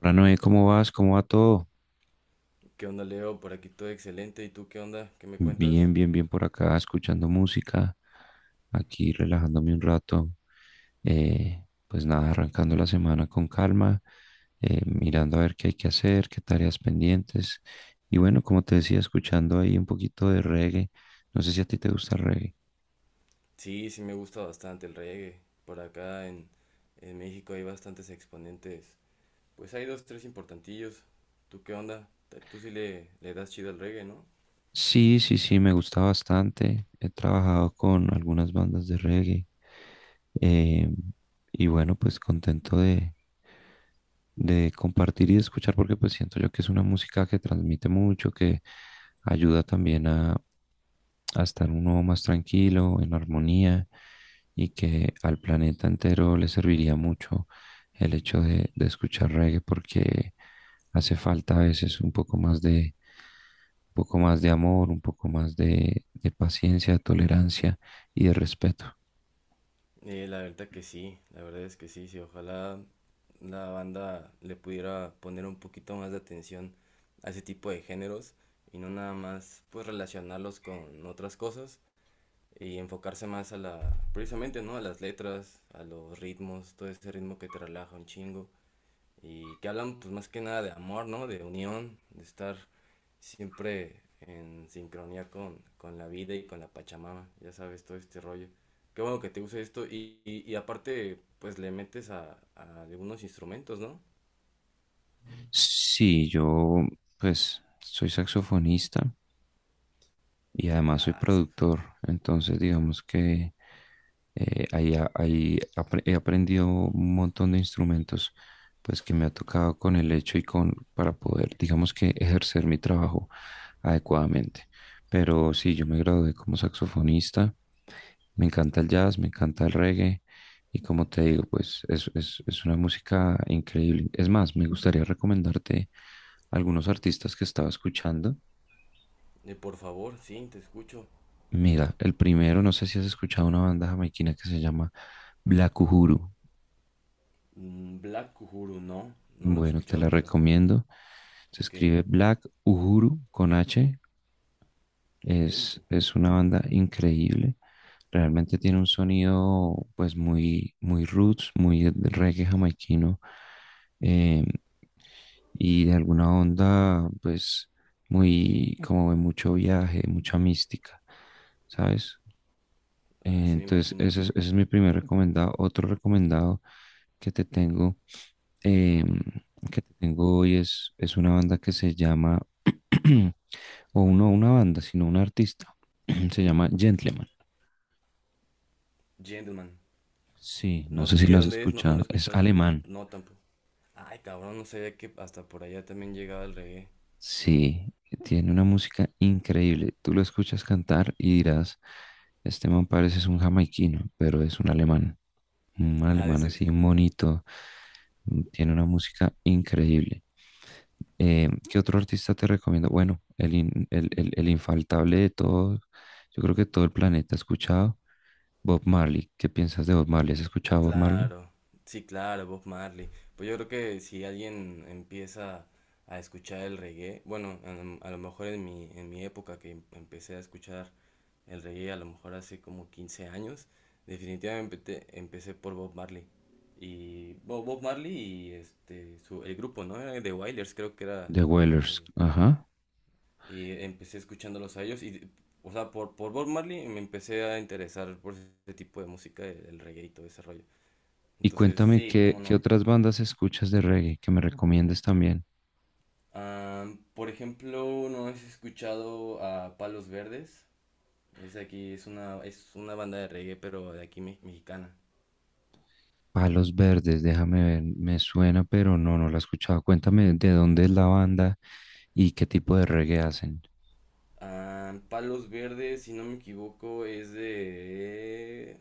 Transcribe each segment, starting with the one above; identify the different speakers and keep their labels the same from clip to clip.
Speaker 1: Hola Noé, ¿cómo vas? ¿Cómo va todo?
Speaker 2: ¿Qué onda, Leo? Por aquí todo excelente. ¿Y tú qué onda? ¿Qué me cuentas?
Speaker 1: Bien, bien, bien por acá, escuchando música, aquí relajándome un rato. Pues nada, arrancando la semana con calma, mirando a ver qué hay que hacer, qué tareas pendientes. Y bueno, como te decía, escuchando ahí un poquito de reggae. No sé si a ti te gusta el reggae.
Speaker 2: Sí, sí me gusta bastante el reggae. Por acá en México hay bastantes exponentes. Pues hay dos, tres importantillos. ¿Tú qué onda? Tú sí le das chido al reggae, ¿no?
Speaker 1: Sí, sí, sí, me gusta bastante. He trabajado con algunas bandas de reggae. eh, y bueno, pues contento de compartir y de escuchar, porque pues siento yo que es una música que transmite mucho, que ayuda también a estar uno más tranquilo, en armonía, y que al planeta entero le serviría mucho el hecho de escuchar reggae, porque hace falta a veces un poco más de, un poco más de amor, un poco más de paciencia, de tolerancia y de respeto.
Speaker 2: La verdad que sí, la verdad es que sí, sí. Ojalá la banda le pudiera poner un poquito más de atención a ese tipo de géneros y no nada más pues relacionarlos con otras cosas y enfocarse más a la, precisamente, ¿no? A las letras, a los ritmos, todo ese ritmo que te relaja un chingo y que hablan pues más que nada de amor, ¿no? De unión, de estar siempre en sincronía con la vida y con la Pachamama, ya sabes, todo este rollo. Qué bueno que te guste esto y aparte pues le metes a algunos instrumentos, ¿no?
Speaker 1: Sí, yo pues soy saxofonista y además soy
Speaker 2: Al sax.
Speaker 1: productor, entonces digamos que ahí, a- ahí apre- he aprendido un montón de instrumentos pues que me ha tocado con el hecho y con para poder digamos que ejercer mi trabajo adecuadamente. Pero sí, yo me gradué como saxofonista, me encanta el jazz, me encanta el reggae y como te digo, pues es una música increíble. Es más, me gustaría recomendarte algunos artistas que estaba escuchando.
Speaker 2: Por favor, sí, te escucho.
Speaker 1: Mira, el primero, no sé si has escuchado una banda jamaiquina que se llama Black Uhuru.
Speaker 2: Mm, Black Uhuru, no, no lo he
Speaker 1: Bueno, te la
Speaker 2: escuchado, pero
Speaker 1: recomiendo. Se
Speaker 2: ok,
Speaker 1: escribe Black Uhuru con H.
Speaker 2: ok, Uhuru.
Speaker 1: Es una banda increíble. Realmente tiene un sonido pues muy, muy roots, muy de reggae jamaiquino. eh, y de alguna onda pues muy como de mucho viaje, mucha mística, ¿sabes?
Speaker 2: Así me
Speaker 1: Entonces,
Speaker 2: imagino.
Speaker 1: ese es mi primer recomendado. Otro recomendado que te tengo, em, hoy es una banda que se llama, o no una banda, sino un artista. Se llama Gentleman.
Speaker 2: Gentleman.
Speaker 1: Sí, no
Speaker 2: No,
Speaker 1: sé si
Speaker 2: ¿y de
Speaker 1: lo has
Speaker 2: dónde es? No, no lo he
Speaker 1: escuchado. Es
Speaker 2: escuchado.
Speaker 1: alemán.
Speaker 2: No, tampoco. Ay, cabrón, no sabía que hasta por allá también llegaba el reggae.
Speaker 1: Sí, tiene una música increíble. Tú lo escuchas cantar y dirás, este man parece es un jamaiquino, pero es un alemán. Un
Speaker 2: Ah, de
Speaker 1: alemán
Speaker 2: ser-
Speaker 1: así, un monito. Tiene una música increíble. ¿Qué otro artista te recomiendo? Bueno, el, in- el, el infaltable de todos, yo creo que todo el planeta ha escuchado, Bob Marley. ¿Qué piensas de Bob Marley? ¿Has escuchado Bob Marley?
Speaker 2: Claro, sí, claro, Bob Marley. Pues yo creo que si alguien empieza a escuchar el reggae, bueno, a lo mejor en en mi época que empecé a escuchar el reggae, a lo mejor hace como 15 años, definitivamente empecé por Bob Marley. Y Bob Marley y este, su, el grupo, ¿no? Era The Wailers, creo que era
Speaker 1: The Wailers,
Speaker 2: el-
Speaker 1: ajá.
Speaker 2: y empecé escuchándolos a ellos y, o sea, por Bob Marley me empecé a interesar por ese tipo de música, el reggae y todo ese rollo.
Speaker 1: Y
Speaker 2: Entonces,
Speaker 1: cuéntame,
Speaker 2: sí, cómo
Speaker 1: ¿qué
Speaker 2: no.
Speaker 1: otras bandas escuchas de reggae que me recomiendes también?
Speaker 2: Por ejemplo, ¿no has escuchado a Palos Verdes? Es aquí, es una banda de reggae, pero de aquí mexicana.
Speaker 1: Palos Verdes, déjame ver, me suena, pero no, no la he escuchado. Cuéntame de dónde es la banda y qué tipo de reggae hacen.
Speaker 2: Palos Verdes, si no me equivoco, es de...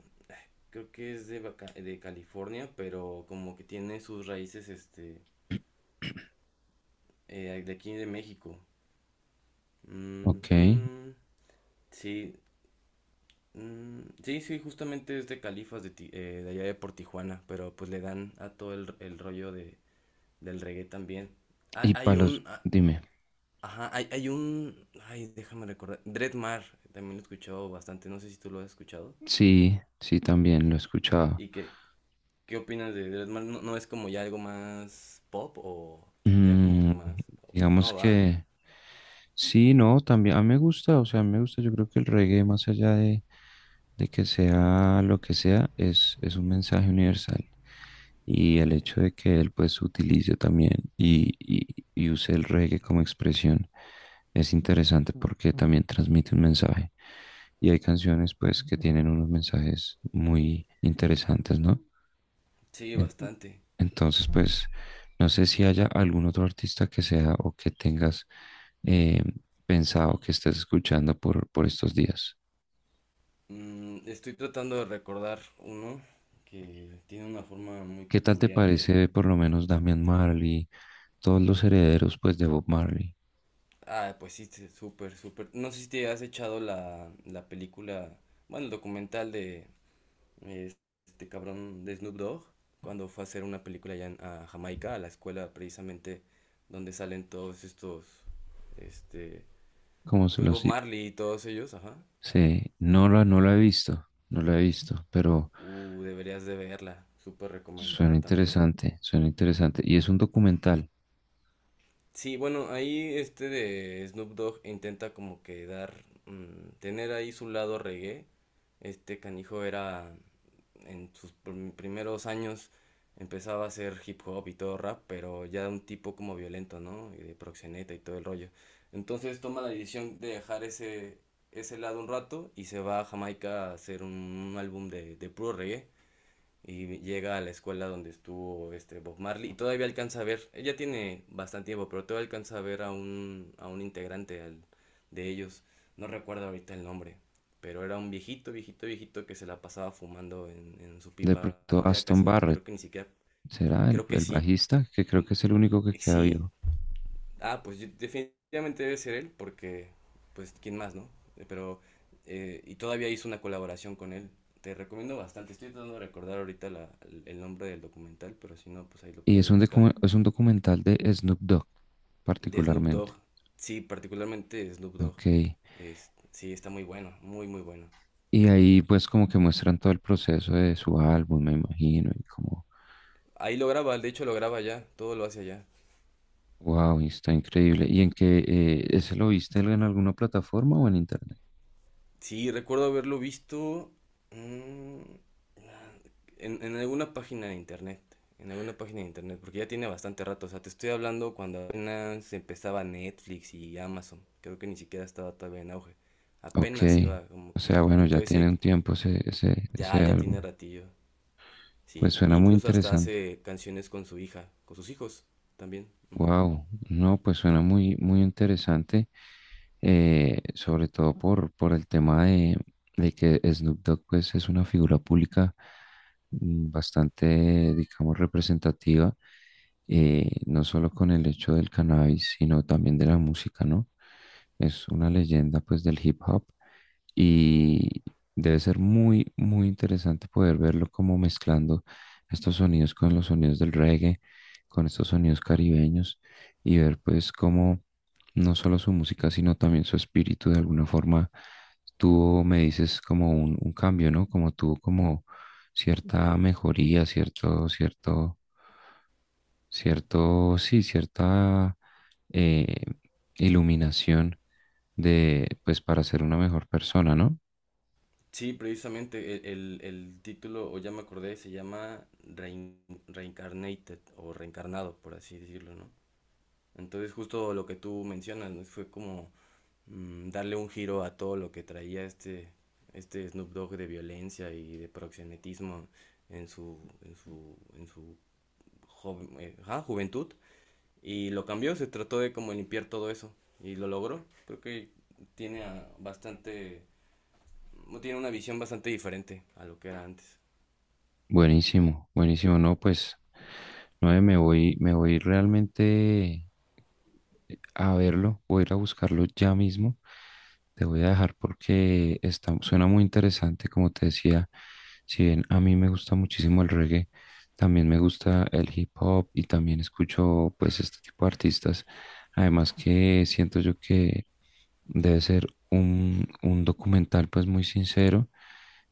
Speaker 2: Creo que es de, de California, pero como que tiene sus raíces, este, de aquí de México. Mm,
Speaker 1: Ok,
Speaker 2: mm, sí, mm, sí, sí, justamente es de Califas de, de allá de por Tijuana, pero pues le dan a todo el rollo de, del reggae también. Ah,
Speaker 1: y
Speaker 2: hay
Speaker 1: Palos,
Speaker 2: un, ah,
Speaker 1: dime.
Speaker 2: ajá, hay un, ay, déjame recordar, Dreadmar, también lo he escuchado bastante, no sé si tú lo has escuchado.
Speaker 1: Sí, sí, también lo he escuchado.
Speaker 2: ¿Y qué, qué opinas de Dreadmar? ¿No, no es como ya algo más pop o ya como
Speaker 1: Mm,
Speaker 2: que más,
Speaker 1: digamos
Speaker 2: no va?
Speaker 1: que sí, no, también a mí me gusta, o sea, a mí me gusta, yo creo que el reggae, más allá de que sea lo que sea, es un mensaje universal. Y el
Speaker 2: Eh,
Speaker 1: hecho de que él pues utilice también y, y, y use el reggae como expresión es interesante porque también transmite un mensaje. Y hay canciones pues que tienen unos mensajes muy interesantes, ¿no?
Speaker 2: sí,
Speaker 1: En-
Speaker 2: bastante.
Speaker 1: entonces pues no sé si haya algún otro artista que sea o que tengas eh, pensado que estés escuchando por estos días.
Speaker 2: Mm, estoy tratando de recordar uno que tiene una forma muy
Speaker 1: ¿Qué tal te
Speaker 2: peculiar
Speaker 1: parece por lo menos
Speaker 2: de
Speaker 1: Damian
Speaker 2: cantar.
Speaker 1: Marley, todos los herederos pues de Bob Marley?
Speaker 2: Ah, pues sí, sí, súper, súper. No sé si te has echado la película, bueno, el documental de eh, este cabrón de Snoop Dogg, cuando fue a hacer una película a Jamaica, a la escuela precisamente donde salen todos estos, este,
Speaker 1: ¿Cómo se
Speaker 2: pues Bob
Speaker 1: los... i-
Speaker 2: Marley y todos ellos, ajá.
Speaker 1: Sí. No la he visto, no la he visto, pero
Speaker 2: Deberías de verla, súper
Speaker 1: suena
Speaker 2: recomendada también.
Speaker 1: interesante, suena interesante. Y es un documental,
Speaker 2: Sí, bueno, ahí este de Snoop Dogg intenta como que dar, mm, tener ahí su lado reggae. Este canijo era en sus primeros años empezaba a hacer hip hop y todo rap, pero ya un tipo como violento, ¿no? Y de proxeneta y todo el rollo. Entonces toma la decisión de dejar ese lado un rato y se va a Jamaica a hacer un álbum de puro reggae y llega a la escuela donde estuvo este Bob Marley y todavía alcanza a ver, ella tiene bastante tiempo, pero todavía alcanza a ver a un integrante de ellos, no recuerdo ahorita el nombre, pero era un viejito, viejito, viejito que se la pasaba fumando en su
Speaker 1: de
Speaker 2: pipa,
Speaker 1: pronto
Speaker 2: ¿no? Ya
Speaker 1: Aston
Speaker 2: casi,
Speaker 1: Barrett,
Speaker 2: creo que ni siquiera,
Speaker 1: será
Speaker 2: creo que
Speaker 1: el
Speaker 2: sí,
Speaker 1: bajista, que
Speaker 2: mm,
Speaker 1: creo que es el único que queda
Speaker 2: sí,
Speaker 1: vivo.
Speaker 2: ah, definitivamente debe ser él, porque, pues, ¿quién más, no? Pero, y todavía hizo una colaboración con él. Te recomiendo bastante. Estoy tratando de recordar ahorita el nombre del documental, pero si no, pues ahí lo
Speaker 1: Y es
Speaker 2: puedes
Speaker 1: un,
Speaker 2: buscar.
Speaker 1: es un documental de Snoop Dogg,
Speaker 2: De Snoop
Speaker 1: particularmente.
Speaker 2: Dogg. Sí, particularmente Snoop Dogg.
Speaker 1: Ok.
Speaker 2: Es, sí, está muy bueno, muy, muy bueno.
Speaker 1: Y ahí pues como que muestran todo el proceso de su álbum, me imagino, y como,
Speaker 2: Ahí lo graba, de hecho lo graba allá, todo lo hace allá.
Speaker 1: wow, está increíble. ¿Y en qué, ese lo viste en alguna plataforma o en internet?
Speaker 2: Sí, recuerdo haberlo visto. Mm, en alguna página de internet, en alguna página de internet, porque ya tiene bastante rato, o sea, te estoy hablando cuando apenas empezaba Netflix y Amazon, creo que ni siquiera estaba todavía en auge,
Speaker 1: Ok,
Speaker 2: apenas iba como,
Speaker 1: o sea, bueno, ya
Speaker 2: entonces sí hay
Speaker 1: tiene un
Speaker 2: que,
Speaker 1: tiempo
Speaker 2: ya,
Speaker 1: ese
Speaker 2: ya
Speaker 1: álbum.
Speaker 2: tiene ratillo,
Speaker 1: Pues
Speaker 2: sí,
Speaker 1: suena muy
Speaker 2: incluso hasta
Speaker 1: interesante.
Speaker 2: hace canciones con su hija, con sus hijos también. Ujú.
Speaker 1: Wow, no, pues suena muy, muy interesante, sobre todo por el tema de que Snoop Dogg pues, es una figura pública mm, bastante, digamos, representativa, no solo con el hecho del cannabis, sino también de la música, ¿no? Es una leyenda pues del hip hop y debe ser muy, muy interesante poder verlo como mezclando estos sonidos con los sonidos del reggae con estos sonidos caribeños y ver pues cómo no solo su música, sino también su espíritu de alguna forma tuvo, me dices, como un cambio, ¿no? Como tuvo como cierta mejoría, cierto, cierto, cierto, sí, cierta eh, iluminación de, pues para ser una mejor persona, ¿no?
Speaker 2: Sí, precisamente el título, o ya me acordé, se llama Reincarnated o Reencarnado, por así decirlo, ¿no? Entonces justo lo que tú mencionas, ¿no? Fue como mm, darle un giro a todo lo que traía este, este Snoop Dogg de violencia y de proxenetismo en su juventud. Y lo cambió, se trató de como limpiar todo eso. Y lo logró. Creo que bastante, no tiene una visión bastante diferente a lo que era antes.
Speaker 1: Buenísimo, buenísimo, ¿no? Pues, no, me voy realmente a verlo, voy a ir a buscarlo ya mismo. Te voy a dejar porque está, suena muy interesante, como te decía, si bien a mí me gusta muchísimo el reggae, también me gusta el hip hop y también escucho pues este tipo de artistas. Además que siento yo que debe ser un documental pues muy sincero,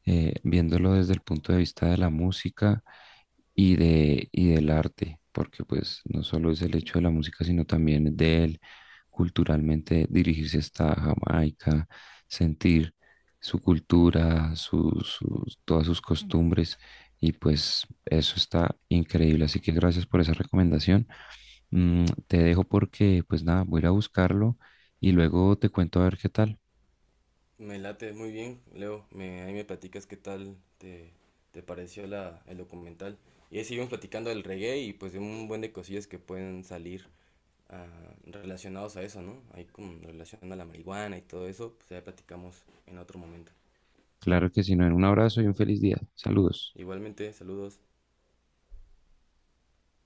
Speaker 1: viéndolo desde el punto de vista de la música y y del arte, porque pues no solo es el hecho de la música, sino también de él culturalmente dirigirse hasta Jamaica, sentir su cultura, sus, todas sus costumbres y pues eso está increíble. Así que gracias por esa recomendación. Mm, te dejo porque, pues nada, voy a ir a buscarlo y luego te cuento a ver qué tal.
Speaker 2: Me late muy bien, Leo. Ahí me platicas qué tal te pareció el documental. Y ahí seguimos platicando del reggae y pues de un buen de cosillas que pueden salir ah, relacionados a eso, ¿no? Ahí como relación a la marihuana y todo eso, pues ya platicamos en otro momento.
Speaker 1: Claro que si no, un abrazo y un feliz día. Saludos.
Speaker 2: Igualmente, saludos.